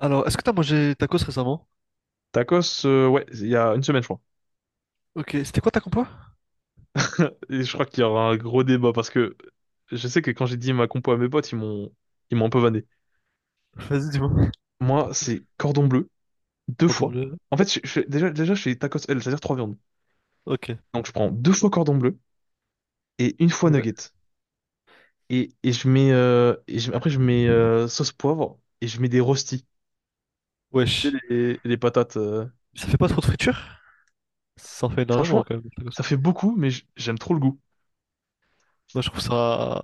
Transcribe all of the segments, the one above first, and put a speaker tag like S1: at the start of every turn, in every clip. S1: Alors, est-ce que t'as mangé tacos récemment?
S2: Tacos, ouais, il y a une semaine, je crois.
S1: Ok, c'était quoi ta compo?
S2: Et je crois qu'il y aura un gros débat parce que je sais que quand j'ai dit ma compo à mes potes, ils m'ont un peu vanné.
S1: Vas-y, dis-moi.
S2: Moi, c'est cordon bleu, deux
S1: Cordon
S2: fois.
S1: bleu.
S2: En fait, déjà, je fais tacos L, c'est-à-dire trois viandes.
S1: Ok,
S2: Donc, je prends deux fois cordon bleu et une fois
S1: ouais.
S2: nugget. Et je mets, et je- après, je mets sauce poivre et je mets des rostis. Tu
S1: Wesh.
S2: sais, les patates.
S1: Ça fait pas trop de friture? Ça en fait énormément
S2: Franchement,
S1: quand même, les tacos.
S2: ça fait beaucoup, mais j'aime trop le goût.
S1: Moi, je trouve ça.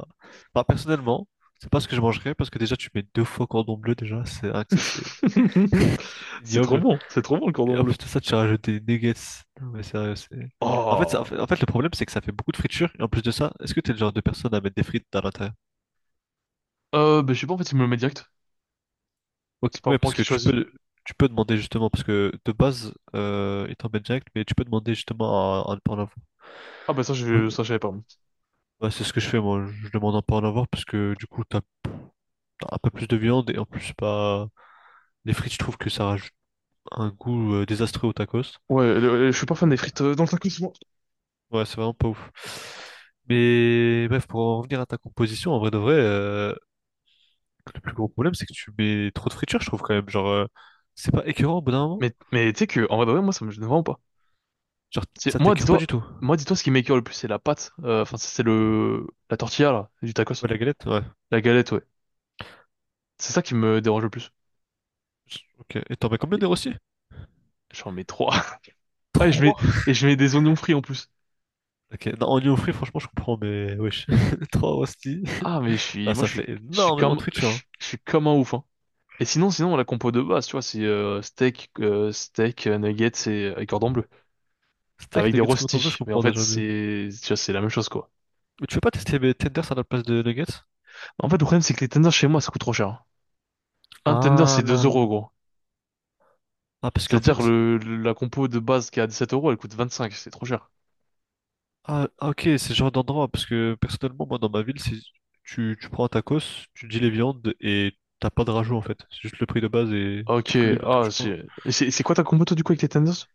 S1: Bah, personnellement, c'est pas ce que je mangerais parce que déjà, tu mets deux fois cordon bleu déjà. C'est rien que ça, c'est ignoble.
S2: C'est trop bon le
S1: Et
S2: cordon
S1: en plus
S2: bleu.
S1: de ça, tu as rajouté nuggets. Non, mais sérieux, c'est. En
S2: Oh!
S1: fait, en fait, le problème, c'est que ça fait beaucoup de friture. Et en plus de ça, est-ce que t'es le genre de personne à mettre des frites à l'intérieur?
S2: Bah, je sais pas, en fait, il me le met direct.
S1: Ok,
S2: C'est pas
S1: ouais,
S2: moi
S1: parce
S2: qui
S1: que
S2: choisis.
S1: tu peux demander justement, parce que de base, il t'emmène direct, mais tu peux demander justement à ne pas en avoir.
S2: Ah, bah, ça,
S1: Ouais,
S2: je, ça, je savais pas.
S1: ouais, c'est ce que je fais, moi. Je demande à ne pas en avoir, parce que du coup, t'as un peu plus de viande, et en plus, c'est pas les frites, je trouve que ça rajoute un goût désastreux au tacos.
S2: Ouais, je suis pas fan des frites dans le tacos souvent.
S1: Ouais, c'est vraiment pas ouf. Mais bref, pour en revenir à ta composition, en vrai de vrai, le plus gros problème, c'est que tu mets trop de fritures, je trouve quand même. C'est pas écœurant au bout d'un moment.
S2: Mais tu sais que, en vrai, de vrai, moi, ça me gêne vraiment pas.
S1: Genre,
S2: C'est,
S1: ça
S2: moi,
S1: t'écœure pas du
S2: dis-toi,
S1: tout.
S2: moi, dis-toi, ce qui m'écoeure le plus, c'est la pâte. Enfin, c'est la tortilla, là, du tacos.
S1: Ouais, la galette, ouais.
S2: La galette, ouais. C'est ça qui me dérange le plus.
S1: Ok. Et t'en mets combien
S2: Et
S1: des rôstis?
S2: J'en mets trois. Ouais, je mets,
S1: 3.
S2: et je mets des oignons frits en plus.
S1: Ok. Non, en oignon frit, franchement, je comprends, mais wesh. Trois rosti.
S2: Ah, mais je
S1: Bah,
S2: suis, moi,
S1: ça fait
S2: je suis
S1: énormément
S2: comme,
S1: de friture. Hein.
S2: je suis comme un ouf, hein. Et sinon, la compo de base, tu vois, c'est steak, nuggets et cordon bleu.
S1: Steak,
S2: Avec des
S1: nuggets, coton bleu, je
S2: rostis. Mais en
S1: comprends
S2: fait,
S1: déjà mieux.
S2: c'est, tu vois, c'est la même chose, quoi.
S1: Mais tu veux pas tester mes tenders à la place de nuggets?
S2: En fait, le problème, c'est que les tenders chez moi, ça coûte trop cher. Un tender,
S1: Ah,
S2: c'est 2 euros, gros.
S1: ah, parce qu'en
S2: C'est-à-dire,
S1: fait,
S2: la compo de base qui est à sept euros, elle coûte 25, c'est trop cher.
S1: ah, ah, ok, c'est ce genre d'endroit. Parce que personnellement, moi, dans ma ville, c'est tu prends un tacos, tu dis les viandes et t'as pas de rajout en fait. C'est juste le prix de base et
S2: Ok,
S1: quelques les viandes que
S2: ah,
S1: tu prends.
S2: c'est quoi ta compo, toi, du coup, avec les tenders?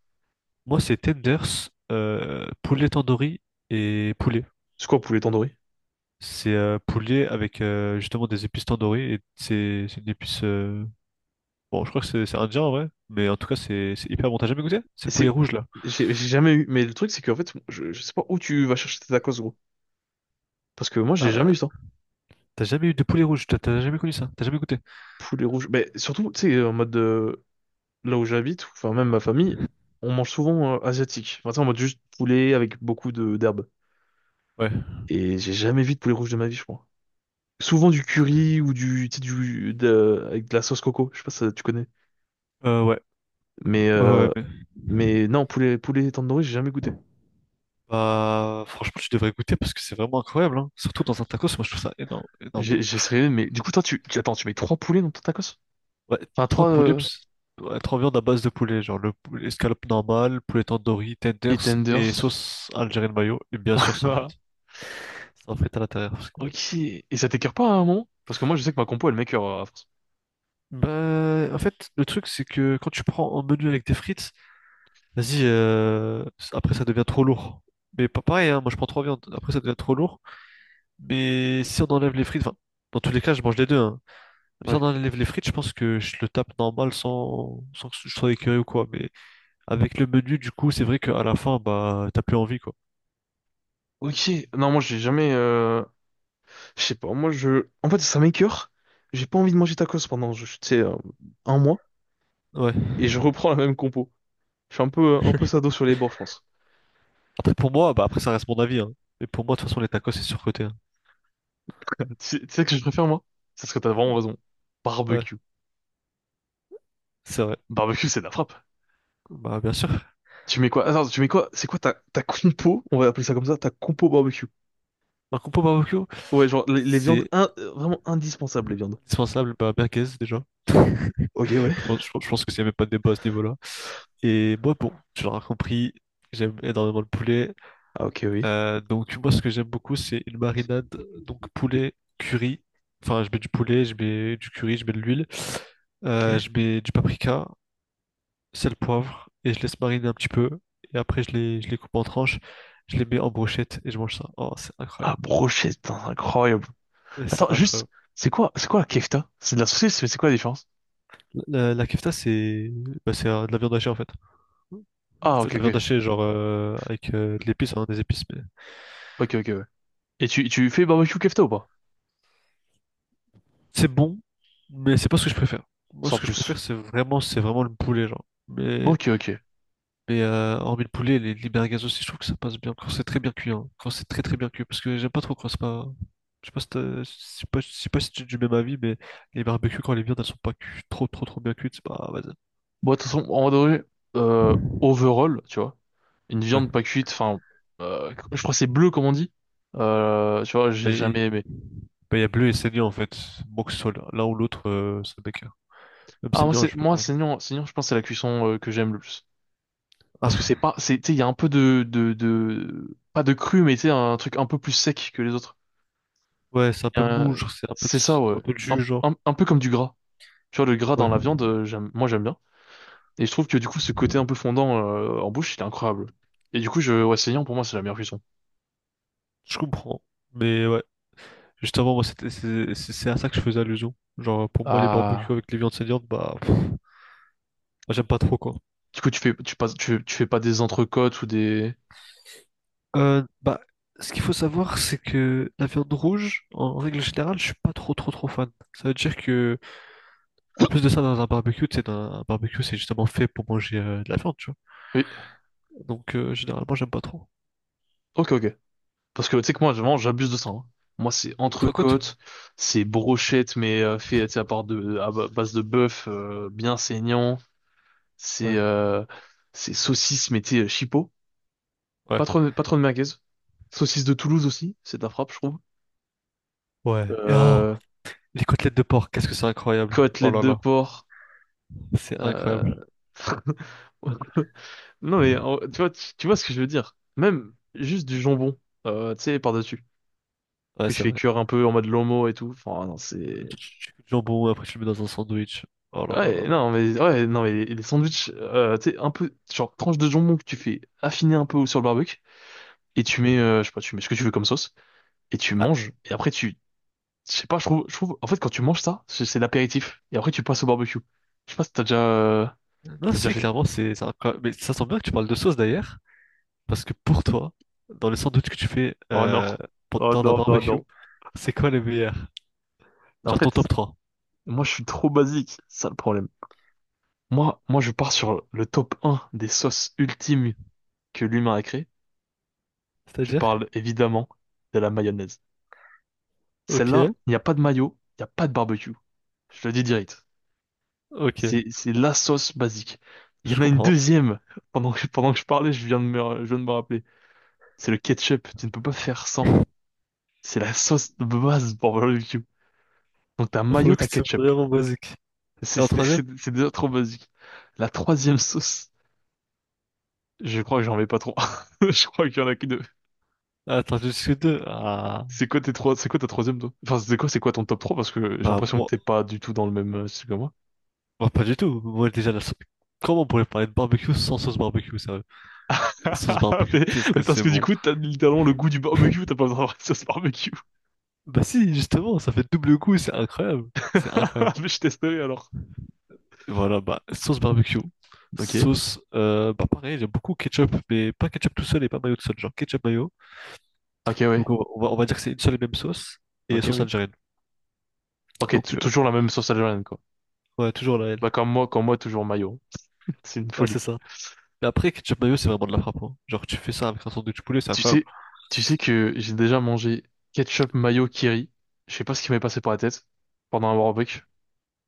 S1: Moi, c'est tenders, poulet tandoori et poulet.
S2: C'est quoi, poulet tandoori?
S1: C'est poulier avec justement des épices tandoori et c'est une épice. Bon, je crois que c'est indien en vrai, mais en tout cas c'est hyper bon. T'as jamais goûté? C'est le poulet
S2: C'est,
S1: rouge là.
S2: j'ai jamais eu, mais le truc, c'est qu'en fait, je sais pas où tu vas chercher tes tacos, gros. Parce que moi, j'ai
S1: Ah,
S2: jamais eu ça.
S1: t'as jamais eu de poulet rouge? T'as jamais connu ça? T'as jamais goûté?
S2: Poulet rouge. Mais surtout, tu sais, en mode, là où j'habite, ou enfin, même ma famille, on mange souvent asiatique. Enfin, tu sais, en mode juste poulet avec beaucoup de d'herbes.
S1: Ouais.
S2: Et j'ai jamais vu de poulet rouge de ma vie, je crois. Souvent du curry ou du, tu sais, avec de la sauce coco, je sais pas si tu connais.
S1: Ouais.
S2: Mais
S1: Ouais, ouais,
S2: euh,
S1: mais
S2: mais non, poulet tandoori, j'ai jamais goûté.
S1: bah, franchement, tu devrais goûter parce que c'est vraiment incroyable, hein. Surtout dans un tacos, moi je trouve ça énorme, énorme,
S2: J'ai
S1: hein.
S2: j'ai essayé, mais du coup toi attends, tu mets trois poulets dans ton tacos?
S1: Ouais,
S2: Enfin
S1: trois
S2: trois
S1: poulets, ps- ouais, trois viandes à base de poulet, genre le poulet escalope normale, poulet tandoori,
S2: et
S1: tenders et
S2: tenders.
S1: sauce algérienne mayo, et bien sûr sans
S2: Ah,
S1: frites. Sans frites à l'intérieur.
S2: Ok. Et ça t'écœure pas à un moment? Parce que moi je sais que ma compo elle m'écœure à force.
S1: Bah, en fait, le truc, c'est que quand tu prends un menu avec des frites, vas-y, euh, après ça devient trop lourd. Mais pas pareil, hein, moi je prends trois viandes, après ça devient trop lourd. Mais si on enlève les frites, enfin, dans tous les cas, je mange les deux, hein. Mais si on
S2: Ouais.
S1: enlève les frites, je pense que je le tape normal sans que je sois écœuré ou quoi. Mais avec le menu, du coup, c'est vrai qu'à la fin, bah, t'as plus envie, quoi.
S2: Ok. Non, moi j'ai jamais je sais pas, moi je en fait ça m'écœure. J'ai pas envie de manger tacos pendant je tu sais un mois
S1: Ouais.
S2: et je reprends la même compo. Je suis un peu sado sur les bords, je pense.
S1: Après, pour moi, bah, après, ça reste mon avis, hein. Mais pour moi, de toute façon, les tacos, c'est surcoté, hein.
S2: Tu sais que je préfère, moi? C'est ce que t'as vraiment raison.
S1: Ouais,
S2: Barbecue.
S1: c'est vrai.
S2: Barbecue, c'est de la frappe.
S1: Bah, bien sûr.
S2: Tu mets quoi? Attends, tu mets quoi? C'est quoi ta compo? On va appeler ça comme ça, ta compo barbecue.
S1: Ma compo barbecue,
S2: Ouais, genre, les viandes,
S1: c'est
S2: vraiment indispensables, les viandes.
S1: indispensable, bah, merguez déjà. Je
S2: Ok, ouais.
S1: je pense que s'il n'y avait pas de débat à ce niveau-là. Et moi, bon, tu l'auras compris, j'aime énormément le poulet.
S2: Ah, ok, oui.
S1: Donc, moi, ce que j'aime beaucoup, c'est une marinade. Donc, poulet, curry. Enfin, je mets du poulet, je mets du curry, je mets de l'huile.
S2: Ok.
S1: Je mets du paprika, sel, poivre, et je laisse mariner un petit peu. Et après, je les coupe en tranches, je les mets en brochette et je mange ça. Oh, c'est
S2: Ah,
S1: incroyable.
S2: brochette, putain, c'est incroyable.
S1: Ouais, c'est
S2: Attends, juste,
S1: incroyable.
S2: c'est quoi la kefta? C'est de la saucisse, mais c'est quoi la différence?
S1: La kefta, c'est bah, c'est de la viande hachée en fait.
S2: Ah,
S1: Faites
S2: ok,
S1: de la
S2: ok.
S1: viande hachée, genre avec de l'épice, hein, des épices, mais
S2: Ok, ok, ouais. Et tu fais barbecue kefta ou pas?
S1: c'est bon, mais c'est pas ce que je préfère. Moi,
S2: Sans
S1: ce que je préfère,
S2: plus.
S1: c'est vraiment le poulet, genre.
S2: Ok, ok.
S1: Mais hormis le poulet, les merguez aussi, je trouve que ça passe bien quand c'est très bien cuit, hein, quand c'est très très bien cuit, parce que j'aime pas trop quand c'est pas. Je sais pas, je sais pas si tu es du même avis, mais les barbecues, quand les viandes, elles sont pas cu- trop trop trop bien cuites, c'est pas, vas-y.
S2: Bon, de toute façon, en vrai, euh, overall, tu vois, une
S1: Ouais,
S2: viande pas cuite, enfin, je crois que c'est bleu, comme on dit. Tu vois,
S1: bah,
S2: j'ai jamais
S1: il
S2: aimé.
S1: bah, il y a bleu et saignant en fait. Bon que ce soit l'un ou l'autre, ça bécane. Même
S2: Ah, moi,
S1: saignant, je peux
S2: moi,
S1: pas, genre.
S2: saignant, saignant, je pense que c'est la cuisson que j'aime le plus. Parce que c'est
S1: Ah,
S2: pas, c'est, tu sais, il y a un peu de, pas de cru, mais tu sais, un truc un peu plus sec que les autres.
S1: ouais, c'est un peu mou,
S2: Euh,
S1: genre, c'est
S2: c'est ça,
S1: un
S2: ouais.
S1: peu de
S2: Un,
S1: jus, genre.
S2: un, un peu comme du gras. Tu vois, le gras dans
S1: Ouais,
S2: la viande, j'aime, moi, j'aime bien. Et je trouve que, du coup, ce côté un peu fondant, en bouche, il est incroyable. Et du coup, ouais, saignant, pour moi, c'est la meilleure cuisson.
S1: je comprends. Mais ouais, justement, moi, c'est à ça que je faisais allusion. Genre, pour moi, les barbecues
S2: Ah.
S1: avec les viandes saignantes, bah, pff, bah, j'aime pas trop, quoi.
S2: Du coup, tu fais pas des entrecôtes ou des.
S1: Euh, bah, ce qu'il faut savoir, c'est que la viande rouge, en règle générale, je suis pas trop, trop, trop fan. Ça veut dire que, en plus de ça, dans un barbecue, tu sais, dans un barbecue, c'est justement fait pour manger de la viande, tu vois.
S2: Oui,
S1: Donc, généralement, j'aime pas trop.
S2: ok, ok. Parce que tu sais que moi, vraiment, j'abuse de ça, hein. Moi, c'est
S1: Une autre côte?
S2: entrecôte, c'est brochette, mais fait tu sais, à part de, à ba- base de bœuf, bien saignant. C'est
S1: Ouais.
S2: euh, c'est saucisse, mais tu sais, chipot.
S1: Ouais.
S2: Pas trop, pas trop de merguez. Saucisse de Toulouse aussi, c'est de la frappe, je trouve.
S1: Ouais. Et oh,
S2: Euh,
S1: les côtelettes de porc, qu'est-ce que c'est incroyable. Oh
S2: Côtelette
S1: là
S2: de
S1: là.
S2: porc.
S1: C'est
S2: Euh...
S1: incroyable.
S2: Non, mais tu vois, tu vois ce que je veux dire. Même juste du jambon, tu sais, par-dessus,
S1: Ouais,
S2: que tu
S1: c'est
S2: fais
S1: vrai.
S2: cuire un peu en mode lomo et tout. Enfin, non, c'est...
S1: Tu coupes du jambon, après tu le mets dans un sandwich. Oh là là là
S2: Ouais,
S1: là.
S2: non, mais, ouais, non, mais les sandwichs, tu sais, un peu, genre, tranche de jambon que tu fais affiner un peu sur le barbecue, et tu mets, je sais pas, tu mets ce que tu veux comme sauce, et tu
S1: Ah,
S2: manges, et après tu, je sais pas, je trouve, en fait, quand tu manges ça, c'est l'apéritif, et après tu passes au barbecue. Je sais pas si euh,
S1: non,
S2: t'as déjà
S1: si,
S2: fait.
S1: clairement, c'est incroyable. Mais ça sent bien que tu parles de sauce d'ailleurs, parce que pour toi, dans les sandwichs que tu fais
S2: Oh non.
S1: pour-
S2: Oh
S1: lors d'un
S2: non, non,
S1: barbecue,
S2: non.
S1: c'est quoi les meilleurs?
S2: En
S1: Genre ton top
S2: fait,
S1: trois.
S2: moi, je suis trop basique, c'est ça le problème. Moi, je pars sur le top un des sauces ultimes que l'humain a créées. Je
S1: C'est-à-dire?
S2: parle évidemment de la mayonnaise. Celle-là,
S1: Ok,
S2: il n'y a pas de mayo, il n'y a pas de barbecue. Je le dis direct.
S1: ok,
S2: C'est la sauce basique. Il y en
S1: je
S2: a une
S1: comprends.
S2: deuxième. Pendant que je parlais, je viens de me rappeler. C'est le ketchup. Tu ne peux pas faire sans. C'est la sauce de base pour le barbecue. Donc t'as
S1: Pour
S2: mayo,
S1: le coup,
S2: t'as
S1: c'est
S2: ketchup.
S1: vraiment basique.
S2: C'est
S1: Et en
S2: c'est-
S1: troisième?
S2: c'est- c'est déjà trop basique. La troisième sauce, je crois que j'en mets pas trop. Je crois qu'il y en a que deux.
S1: Ah, attends, je suis deux. Ah,
S2: C'est quoi ta troisième toi? Enfin, c'est quoi ton top trois? Parce que j'ai
S1: bah,
S2: l'impression que
S1: moi,
S2: t'es pas du tout dans le même style que moi.
S1: moi, pas du tout. Moi, déjà, la sauce. Comment on pourrait parler de barbecue sans sauce barbecue, sérieux? La sauce barbecue,
S2: mais,
S1: qu'est-ce que
S2: mais parce
S1: c'est
S2: que du
S1: bon.
S2: coup, t'as littéralement le goût du barbecue, t'as pas besoin d'avoir une sauce barbecue.
S1: Bah si, justement, ça fait double coup, c'est incroyable. C'est incroyable.
S2: Mais je testerai alors.
S1: Et voilà, bah, sauce barbecue.
S2: Ok.
S1: Sauce, bah pareil, j'aime beaucoup ketchup, mais pas ketchup tout seul et pas mayo tout seul, genre ketchup mayo.
S2: Ok, ouais.
S1: Donc on va dire que c'est une seule et même sauce, et
S2: Ok,
S1: sauce
S2: oui.
S1: algérienne.
S2: Ok,
S1: Donc euh,
S2: toujours la même sauce algérienne, quoi.
S1: ouais, toujours la L.
S2: Bah, comme moi, toujours mayo, hein. C'est une
S1: Ouais,
S2: folie.
S1: c'est ça. Mais après, ketchup mayo, c'est vraiment de la frappe, hein. Genre tu fais ça avec un sandwich poulet, c'est
S2: Tu
S1: incroyable.
S2: sais, tu sais que j'ai déjà mangé ketchup mayo kiri. Je sais pas ce qui m'est passé par la tête pendant un barbecue.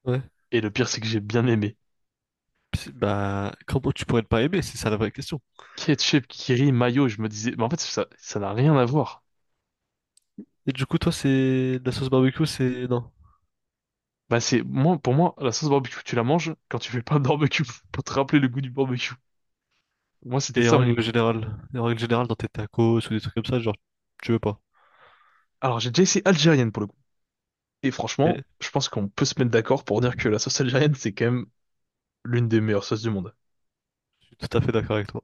S1: Ouais.
S2: Et le pire, c'est que j'ai bien aimé.
S1: Puis, bah comment tu pourrais ne pas aimer, c'est ça la vraie question.
S2: Ketchup kiri mayo, je me disais, mais en fait, ça n'a rien à voir.
S1: Et du coup, toi, c'est la sauce barbecue, c'est... Non.
S2: Bah, moi, pour moi, la sauce barbecue, tu la manges quand tu fais pas de barbecue pour te rappeler le goût du barbecue. Moi, c'était
S1: Et
S2: ça
S1: en
S2: mon.
S1: règle générale, et en règle générale, dans tes tacos ou des trucs comme ça, genre, tu veux pas.
S2: Alors, j'ai déjà essayé algérienne pour le coup. Et
S1: Et
S2: franchement, je pense qu'on peut se mettre d'accord pour dire que la sauce algérienne, c'est quand même l'une des meilleures sauces du monde.
S1: suis tout à fait d'accord avec toi.